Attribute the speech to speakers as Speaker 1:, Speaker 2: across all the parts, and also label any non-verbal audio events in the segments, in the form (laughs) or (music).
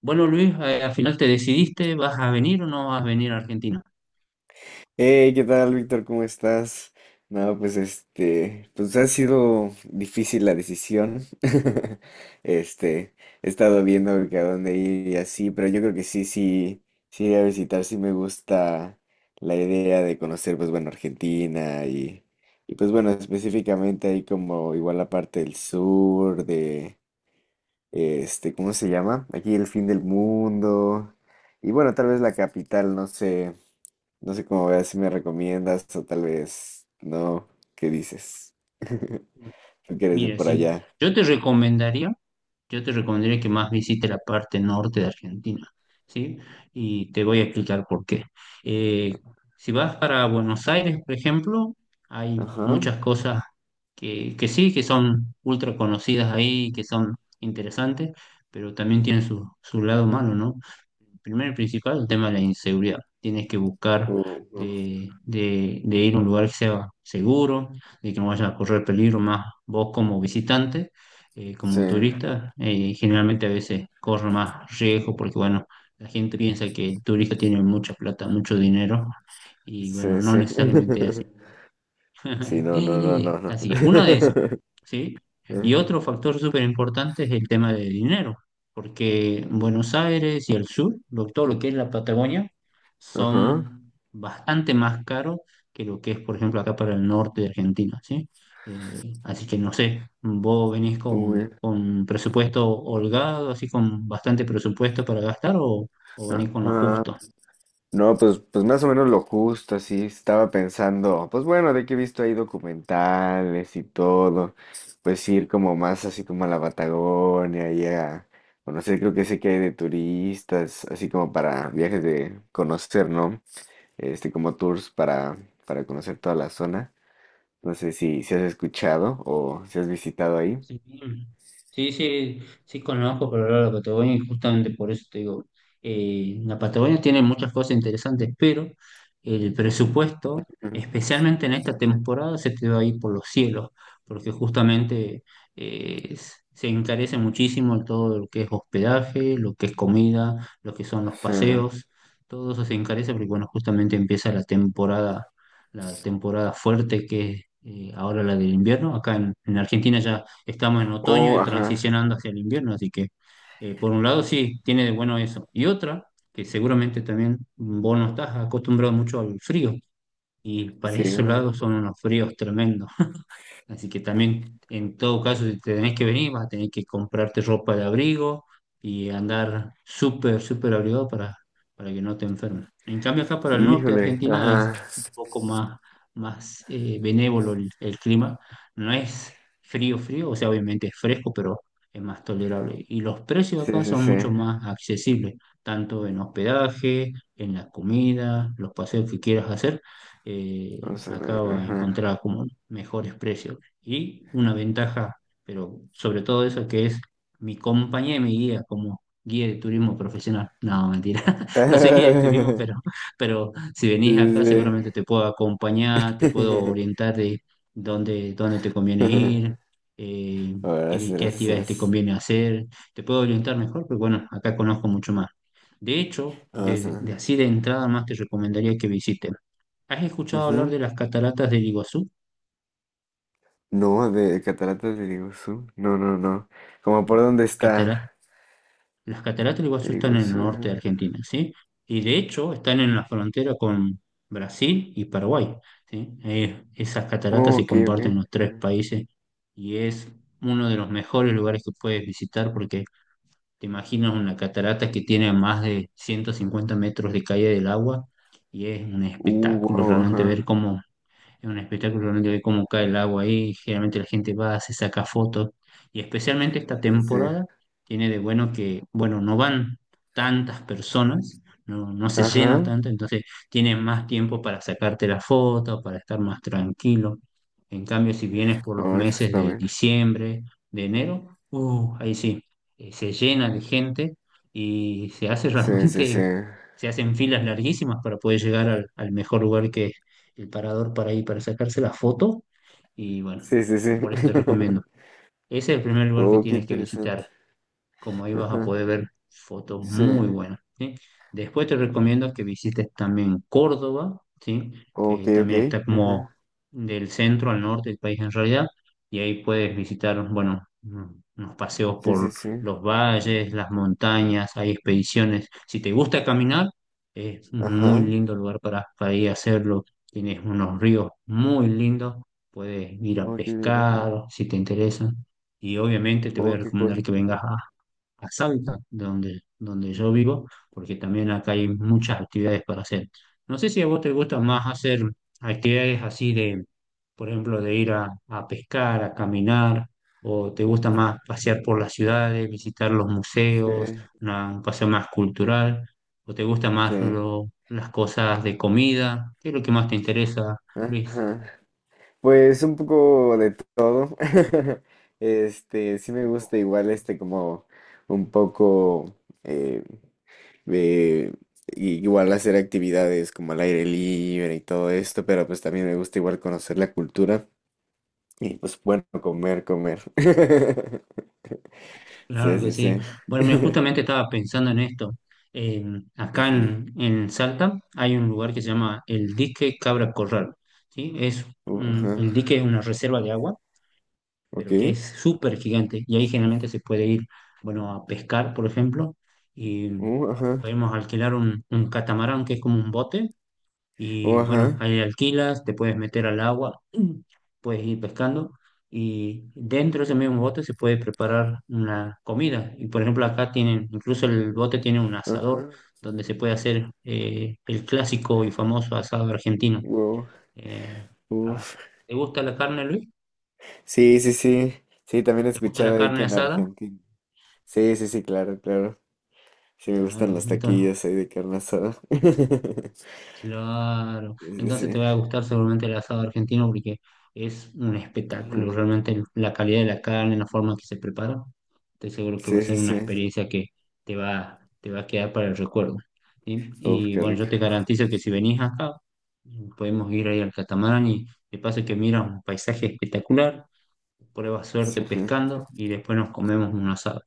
Speaker 1: Bueno, Luis, al final te decidiste, ¿vas a venir o no vas a venir a Argentina?
Speaker 2: Hey, ¿qué tal, Víctor? ¿Cómo estás? No, pues ha sido difícil la decisión. (laughs) Este, He estado viendo que a dónde ir y así, pero yo creo que sí, sí, sí iré a visitar, sí me gusta la idea de conocer, pues bueno, Argentina y pues bueno, específicamente ahí como igual la parte del sur, de ¿cómo se llama? Aquí el fin del mundo. Y bueno, tal vez la capital, no sé. No sé cómo veas si me recomiendas o tal vez no. ¿Qué dices? (laughs) Tú que eres de
Speaker 1: Mira,
Speaker 2: por
Speaker 1: sí,
Speaker 2: allá.
Speaker 1: yo te recomendaría, yo te recomendaría que más visites la parte norte de Argentina, ¿sí? Y te voy a explicar por qué. Eh, si vas para Buenos Aires, por ejemplo, hay
Speaker 2: Ajá.
Speaker 1: muchas cosas que sí, que son ultra conocidas ahí, que son interesantes, pero también tienen su lado malo, ¿no? Primero y principal, el tema de la inseguridad. Tienes que buscar
Speaker 2: Uh, uh,
Speaker 1: de ir a un lugar que sea seguro, de que no vayas a correr peligro más vos como visitante,
Speaker 2: sí,
Speaker 1: como turista. Generalmente a veces corre más riesgo porque, bueno, la gente piensa que el turista tiene mucha plata, mucho dinero y,
Speaker 2: sí,
Speaker 1: bueno, no
Speaker 2: sí.
Speaker 1: necesariamente es así.
Speaker 2: (laughs) Sí, no, no, no,
Speaker 1: (laughs)
Speaker 2: no, no.
Speaker 1: Así que uno de esos,
Speaker 2: (laughs)
Speaker 1: ¿sí? Y
Speaker 2: Ajá.
Speaker 1: otro factor súper importante es el tema de dinero, porque Buenos Aires y el sur, todo lo que es la Patagonia,
Speaker 2: Ajá.
Speaker 1: son bastante más caros que lo que es, por ejemplo, acá para el norte de Argentina, ¿sí? Así que no sé, vos venís con,
Speaker 2: Uy,
Speaker 1: con presupuesto holgado, así con bastante presupuesto para gastar o venís con lo
Speaker 2: ajá.
Speaker 1: justo.
Speaker 2: No, pues más o menos lo justo, así estaba pensando, pues bueno, de que he visto ahí documentales y todo, pues ir como más así como a la Patagonia y a conocer, creo que sé que hay de turistas, así como para viajes de conocer, ¿no? Como tours para conocer toda la zona. No sé si has escuchado o si has visitado ahí.
Speaker 1: Sí, sí, sí, sí conozco, pero la Patagonia y justamente por eso te digo, la Patagonia tiene muchas cosas interesantes, pero el presupuesto,
Speaker 2: Ujú,
Speaker 1: especialmente en esta
Speaker 2: ujú.
Speaker 1: temporada, se te va a ir por los cielos, porque justamente se encarece muchísimo todo lo que es hospedaje, lo que es comida, lo que son los
Speaker 2: Sí.
Speaker 1: paseos, todo eso se encarece porque, bueno, justamente empieza la temporada fuerte que es ahora la del invierno. Acá en Argentina ya estamos en otoño
Speaker 2: Oh,
Speaker 1: y
Speaker 2: ajá.
Speaker 1: transicionando hacia el invierno, así que por un lado sí, tiene de bueno eso. Y otra, que seguramente también vos no estás acostumbrado mucho al frío, y para
Speaker 2: Sí,
Speaker 1: esos
Speaker 2: bueno.
Speaker 1: lados son unos fríos tremendos. Así que también, en todo caso, si te tenés que venir, vas a tener que comprarte ropa de abrigo y andar súper, súper abrigado para que no te enfermes. En cambio, acá para el norte de
Speaker 2: Híjole,
Speaker 1: Argentina es
Speaker 2: ajá.
Speaker 1: un poco más benévolo el clima. No es frío, frío, o sea, obviamente es fresco, pero es más tolerable. Y los precios
Speaker 2: Sí,
Speaker 1: acá
Speaker 2: sí,
Speaker 1: son
Speaker 2: sí.
Speaker 1: mucho más accesibles, tanto en hospedaje, en la comida, los paseos que quieras hacer.
Speaker 2: Vamos a
Speaker 1: Acá
Speaker 2: ver,
Speaker 1: vas a
Speaker 2: ajá.
Speaker 1: encontrar como mejores precios y una ventaja, pero sobre todo eso, que es mi compañía y mi guía como guía de turismo profesional. No, mentira, (laughs) no soy guía de turismo, pero,
Speaker 2: (laughs)
Speaker 1: pero si
Speaker 2: Sí,
Speaker 1: venís acá
Speaker 2: sí,
Speaker 1: seguramente te puedo acompañar, te puedo
Speaker 2: sí.
Speaker 1: orientar de dónde te conviene ir,
Speaker 2: (laughs)
Speaker 1: eh,
Speaker 2: Ahora gracias,
Speaker 1: qué
Speaker 2: gracias,
Speaker 1: actividades te
Speaker 2: gracias.
Speaker 1: conviene hacer, te puedo orientar mejor, pero bueno, acá conozco mucho más. De hecho,
Speaker 2: Vamos a
Speaker 1: de
Speaker 2: ver.
Speaker 1: así de entrada más te recomendaría que visiten. ¿Has escuchado hablar
Speaker 2: Ujú.
Speaker 1: de las cataratas del Iguazú?
Speaker 2: No, de Cataratas de Iguazú. No, no, no. Como por
Speaker 1: No,
Speaker 2: dónde
Speaker 1: las
Speaker 2: está
Speaker 1: cataratas Las cataratas del Iguazú
Speaker 2: el
Speaker 1: están en el
Speaker 2: Iguazú.
Speaker 1: norte de
Speaker 2: Ajá.
Speaker 1: Argentina, ¿sí? Y de hecho están en la frontera con Brasil y Paraguay, ¿sí? Esas cataratas
Speaker 2: Oh,
Speaker 1: se
Speaker 2: ok, ok.
Speaker 1: comparten en los tres
Speaker 2: Ajá.
Speaker 1: países y es uno de los mejores lugares que puedes visitar porque te imaginas una catarata que tiene más de 150 metros de caída del agua y
Speaker 2: Uh, wow, ajá.
Speaker 1: es un espectáculo realmente ver cómo cae el agua ahí. Generalmente la gente va, se saca fotos. Y especialmente esta
Speaker 2: Sí, sí. Sí.
Speaker 1: temporada tiene de bueno que, bueno, no van tantas personas, no se llena
Speaker 2: Ajá.
Speaker 1: tanto, entonces tienes más tiempo para sacarte la foto, para estar más tranquilo. En cambio, si vienes por los
Speaker 2: Oh, eso
Speaker 1: meses
Speaker 2: está
Speaker 1: de
Speaker 2: bien.
Speaker 1: diciembre, de enero, ahí sí, se llena de gente y se hace (laughs)
Speaker 2: Sí, sí, sí.
Speaker 1: realmente, se hacen filas larguísimas para poder llegar al mejor lugar que el parador para ir, para sacarse la foto. Y bueno,
Speaker 2: Sí, sí, sí.
Speaker 1: por eso te recomiendo.
Speaker 2: (laughs)
Speaker 1: Ese es el primer lugar que
Speaker 2: Oh, qué
Speaker 1: tienes que
Speaker 2: interesante.
Speaker 1: visitar como ahí vas a
Speaker 2: Ajá.
Speaker 1: poder ver fotos
Speaker 2: Sí.
Speaker 1: muy buenas, ¿sí? Después te recomiendo que visites también Córdoba, ¿sí?
Speaker 2: Ok,
Speaker 1: Que
Speaker 2: ok.
Speaker 1: también está como
Speaker 2: Ajá.
Speaker 1: del centro al norte del país en realidad, y ahí puedes visitar, bueno, unos paseos
Speaker 2: Sí, sí,
Speaker 1: por
Speaker 2: sí.
Speaker 1: los valles, las montañas, hay expediciones. Si te gusta caminar, es un muy
Speaker 2: Ajá.
Speaker 1: lindo lugar para ir a hacerlo. Tienes unos ríos muy lindos, puedes ir a
Speaker 2: Oh, qué bien, ajá.
Speaker 1: pescar si te interesa. Y obviamente te voy a
Speaker 2: Oh, qué
Speaker 1: recomendar
Speaker 2: cool.
Speaker 1: que vengas
Speaker 2: Ujú.
Speaker 1: a Salta, donde yo vivo, porque también acá hay muchas actividades para hacer. No sé si a vos te gusta más hacer actividades así de, por ejemplo, de ir a pescar, a caminar, o te gusta más pasear por las ciudades, visitar los museos,
Speaker 2: Eh,
Speaker 1: un paseo más cultural, o te gusta más
Speaker 2: sí,
Speaker 1: las cosas de comida. ¿Qué es lo que más te interesa, Luis?
Speaker 2: ajá. Pues un poco de todo. (laughs) Sí me
Speaker 1: Un
Speaker 2: gusta
Speaker 1: poco.
Speaker 2: igual como un poco eh, de igual hacer actividades como al aire libre y todo esto, pero pues también me gusta igual conocer la cultura y pues bueno, comer, comer. (laughs) Sí,
Speaker 1: Claro que
Speaker 2: sí,
Speaker 1: sí.
Speaker 2: sí.
Speaker 1: Bueno, mira, justamente
Speaker 2: (laughs)
Speaker 1: estaba pensando en esto. Eh, Acá
Speaker 2: Ujú.
Speaker 1: en Salta hay un lugar que se llama el Dique Cabra Corral, ¿sí? Es
Speaker 2: Uh, ajá.
Speaker 1: el dique es una reserva de agua,
Speaker 2: Ok.
Speaker 1: pero que es súper gigante y ahí generalmente se puede ir, bueno, a pescar, por ejemplo, y
Speaker 2: Ajá.
Speaker 1: podemos alquilar un catamarán que es como un bote
Speaker 2: Uh,
Speaker 1: y bueno,
Speaker 2: ajá.
Speaker 1: ahí alquilas, te puedes meter al agua, (clears throat) puedes ir pescando y dentro de ese mismo bote se puede preparar una comida. Y por ejemplo, acá tienen, incluso el bote tiene un asador
Speaker 2: Ajá.
Speaker 1: donde se puede hacer el clásico y famoso asado argentino.
Speaker 2: Wow,
Speaker 1: Eh, ah,
Speaker 2: uf.
Speaker 1: ¿Te gusta la carne, Luis?
Speaker 2: Sí, sí, sí. Sí, también he
Speaker 1: ¿Te gusta la
Speaker 2: escuchado ahí que
Speaker 1: carne
Speaker 2: en
Speaker 1: asada?
Speaker 2: Argentina. Sí, sí, sí, claro, claro. Sí, me gustan
Speaker 1: Claro,
Speaker 2: los
Speaker 1: entonces
Speaker 2: taquillos ahí de carne asada. (laughs)
Speaker 1: Claro,
Speaker 2: Sí, sí,
Speaker 1: entonces te
Speaker 2: sí.
Speaker 1: va a gustar seguramente el asado argentino porque es un espectáculo,
Speaker 2: Ajá.
Speaker 1: realmente la calidad de la carne, la forma en que se prepara, estoy seguro que va a
Speaker 2: Sí, sí,
Speaker 1: ser una
Speaker 2: sí.
Speaker 1: experiencia que te va a quedar para el recuerdo. ¿Sí?
Speaker 2: Uf,
Speaker 1: Y
Speaker 2: qué
Speaker 1: bueno,
Speaker 2: rico.
Speaker 1: yo te garantizo que si venís acá, podemos ir ahí al catamarán y de paso que miras un paisaje espectacular, pruebas
Speaker 2: Sí.
Speaker 1: suerte
Speaker 2: Ajá.
Speaker 1: pescando y después nos comemos un asado.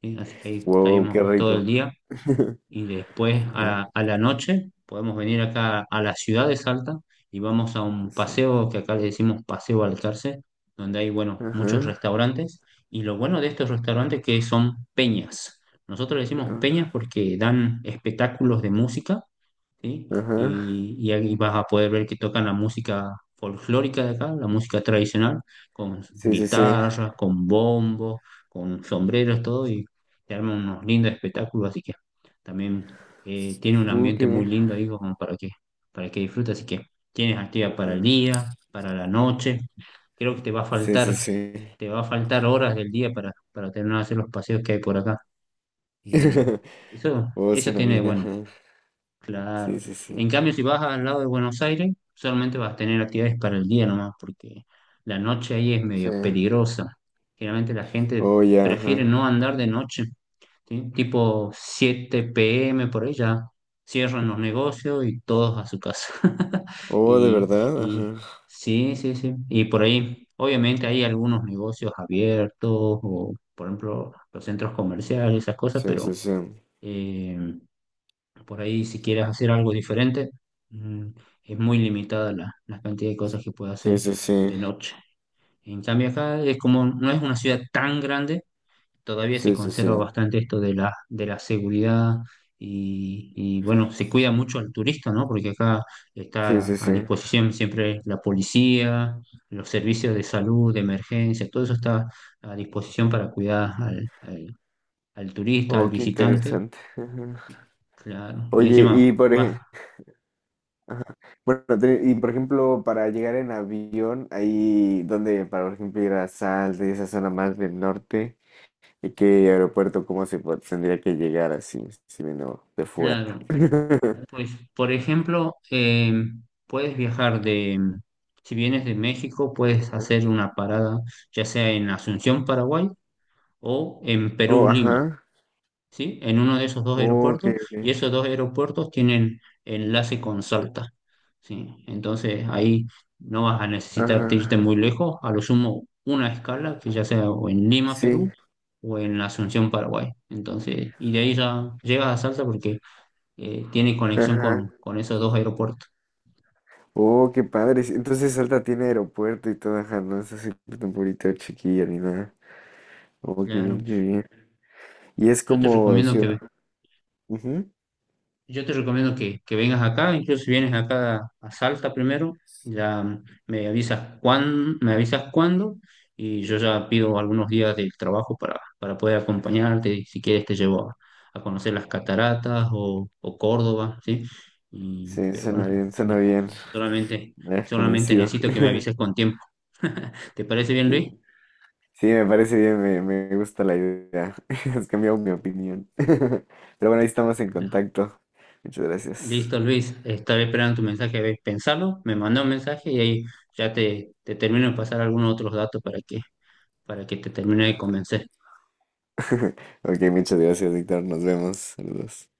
Speaker 1: ¿Sí? Así que ahí
Speaker 2: Wow, qué
Speaker 1: estaríamos todo el
Speaker 2: rico.
Speaker 1: día
Speaker 2: (laughs)
Speaker 1: y después
Speaker 2: Ajá.
Speaker 1: a la noche podemos venir acá a la ciudad de Salta y vamos a un
Speaker 2: Sí.
Speaker 1: paseo que acá le decimos Paseo Balcarce, donde hay, bueno, muchos
Speaker 2: Ajá.
Speaker 1: restaurantes y lo bueno de estos restaurantes que son peñas. Nosotros le decimos
Speaker 2: Ah,
Speaker 1: peñas porque dan espectáculos de música, ¿sí?
Speaker 2: ajá.
Speaker 1: Y ahí vas a poder ver que tocan la música folclórica de acá, la música tradicional, con
Speaker 2: Sí, sí, sí.
Speaker 1: guitarras, con bombos, con sombreros, todo, y te arman unos lindos espectáculos, así que también tiene un
Speaker 2: Uh,
Speaker 1: ambiente
Speaker 2: qué
Speaker 1: muy
Speaker 2: bien.
Speaker 1: lindo ahí como para que disfrutes, así que tienes actividad para el
Speaker 2: Ajá.
Speaker 1: día, para la noche, creo que
Speaker 2: Sí, sí, sí.
Speaker 1: te va a faltar horas del día para terminar de hacer los paseos que hay por acá. Eh,
Speaker 2: (laughs)
Speaker 1: eso,
Speaker 2: Oh,
Speaker 1: eso
Speaker 2: suena
Speaker 1: tiene de
Speaker 2: bien,
Speaker 1: bueno.
Speaker 2: ajá.
Speaker 1: Claro.
Speaker 2: Sí, sí,
Speaker 1: En
Speaker 2: sí.
Speaker 1: cambio, si vas al lado de Buenos Aires, solamente vas a tener actividades para el día nomás, porque la noche ahí es
Speaker 2: Sí.
Speaker 1: medio peligrosa. Generalmente la gente
Speaker 2: Oh, ya,
Speaker 1: prefiere
Speaker 2: ajá.
Speaker 1: no andar de noche, ¿sí? Tipo 7 p.m. por ahí ya cierran los negocios y todos a su casa. (laughs)
Speaker 2: Oh, de
Speaker 1: Y,
Speaker 2: verdad, ajá.
Speaker 1: y sí, sí, sí. Y por ahí, obviamente hay algunos negocios abiertos o, por ejemplo, los centros comerciales, esas cosas,
Speaker 2: Sí,
Speaker 1: pero,
Speaker 2: sí, sí.
Speaker 1: eh, por ahí, si quieres hacer algo diferente, mm, es muy limitada la cantidad de cosas que puedes
Speaker 2: Sí,
Speaker 1: hacer
Speaker 2: sí, sí.
Speaker 1: de noche. En cambio, acá es como no es una ciudad tan grande, todavía se
Speaker 2: Sí, sí, sí.
Speaker 1: conserva bastante esto de la seguridad y, bueno, se cuida mucho al turista, ¿no? Porque acá
Speaker 2: Sí,
Speaker 1: está
Speaker 2: sí,
Speaker 1: a
Speaker 2: sí.
Speaker 1: disposición siempre la policía, los servicios de salud, de emergencia, todo eso está a disposición para cuidar al turista, al
Speaker 2: Oh, qué
Speaker 1: visitante.
Speaker 2: interesante. Ajá.
Speaker 1: Claro, y
Speaker 2: Oye,
Speaker 1: encima
Speaker 2: y por
Speaker 1: vas
Speaker 2: ejemplo, bueno, y por ejemplo, para llegar en avión, ahí donde, para por ejemplo, ir a Salta y esa zona más del norte, ¿y qué aeropuerto, tendría que llegar así, si vino de fuera?
Speaker 1: Claro,
Speaker 2: (laughs)
Speaker 1: pues por ejemplo, puedes viajar si vienes de México, puedes
Speaker 2: Ajá.
Speaker 1: hacer una parada ya sea en Asunción, Paraguay o en Perú,
Speaker 2: Oh,
Speaker 1: Lima,
Speaker 2: ajá.
Speaker 1: ¿sí? En uno de esos dos
Speaker 2: Oh, ok,
Speaker 1: aeropuertos y
Speaker 2: ok.
Speaker 1: esos dos aeropuertos tienen enlace con Salta, ¿sí? Entonces ahí no vas a necesitar
Speaker 2: Ajá.
Speaker 1: irte muy lejos, a lo sumo una escala que ya sea o en Lima, Perú
Speaker 2: Sí.
Speaker 1: o en Asunción, Paraguay. Entonces, y de ahí ya llegas a Salta porque tiene conexión
Speaker 2: Ajá.
Speaker 1: con esos dos aeropuertos.
Speaker 2: Oh, qué padre. Sí, entonces Salta tiene aeropuerto y todo, ajá, no es así tan bonito, chiquilla ni nada. Oh, qué
Speaker 1: Claro.
Speaker 2: bien, qué bien. Y es
Speaker 1: Yo te
Speaker 2: como
Speaker 1: recomiendo
Speaker 2: ciudad.
Speaker 1: que,
Speaker 2: Ujú.
Speaker 1: yo te recomiendo que vengas acá, incluso si vienes acá a Salta primero, ya me avisas cuándo y yo ya pido algunos días del trabajo para poder acompañarte y si quieres te llevo a conocer las cataratas o Córdoba, ¿sí? Y,
Speaker 2: Sí,
Speaker 1: pero
Speaker 2: suena
Speaker 1: bueno,
Speaker 2: bien, suena
Speaker 1: no,
Speaker 2: bien.
Speaker 1: solamente,
Speaker 2: Me has
Speaker 1: solamente
Speaker 2: convencido.
Speaker 1: necesito que me
Speaker 2: (laughs)
Speaker 1: avises con tiempo. (laughs) ¿Te parece bien, Luis?
Speaker 2: Sí, sí, me parece bien, me gusta la idea. (laughs) Has cambiado mi opinión. (laughs) Pero bueno, ahí estamos en contacto. Muchas gracias.
Speaker 1: Listo, Luis. Estaba esperando tu mensaje. A ver, pensalo. Me mandó un mensaje y ahí ya te termino de pasar algunos otros datos para que te termine de convencer.
Speaker 2: (laughs) Ok, muchas gracias, Víctor. Nos vemos. Saludos.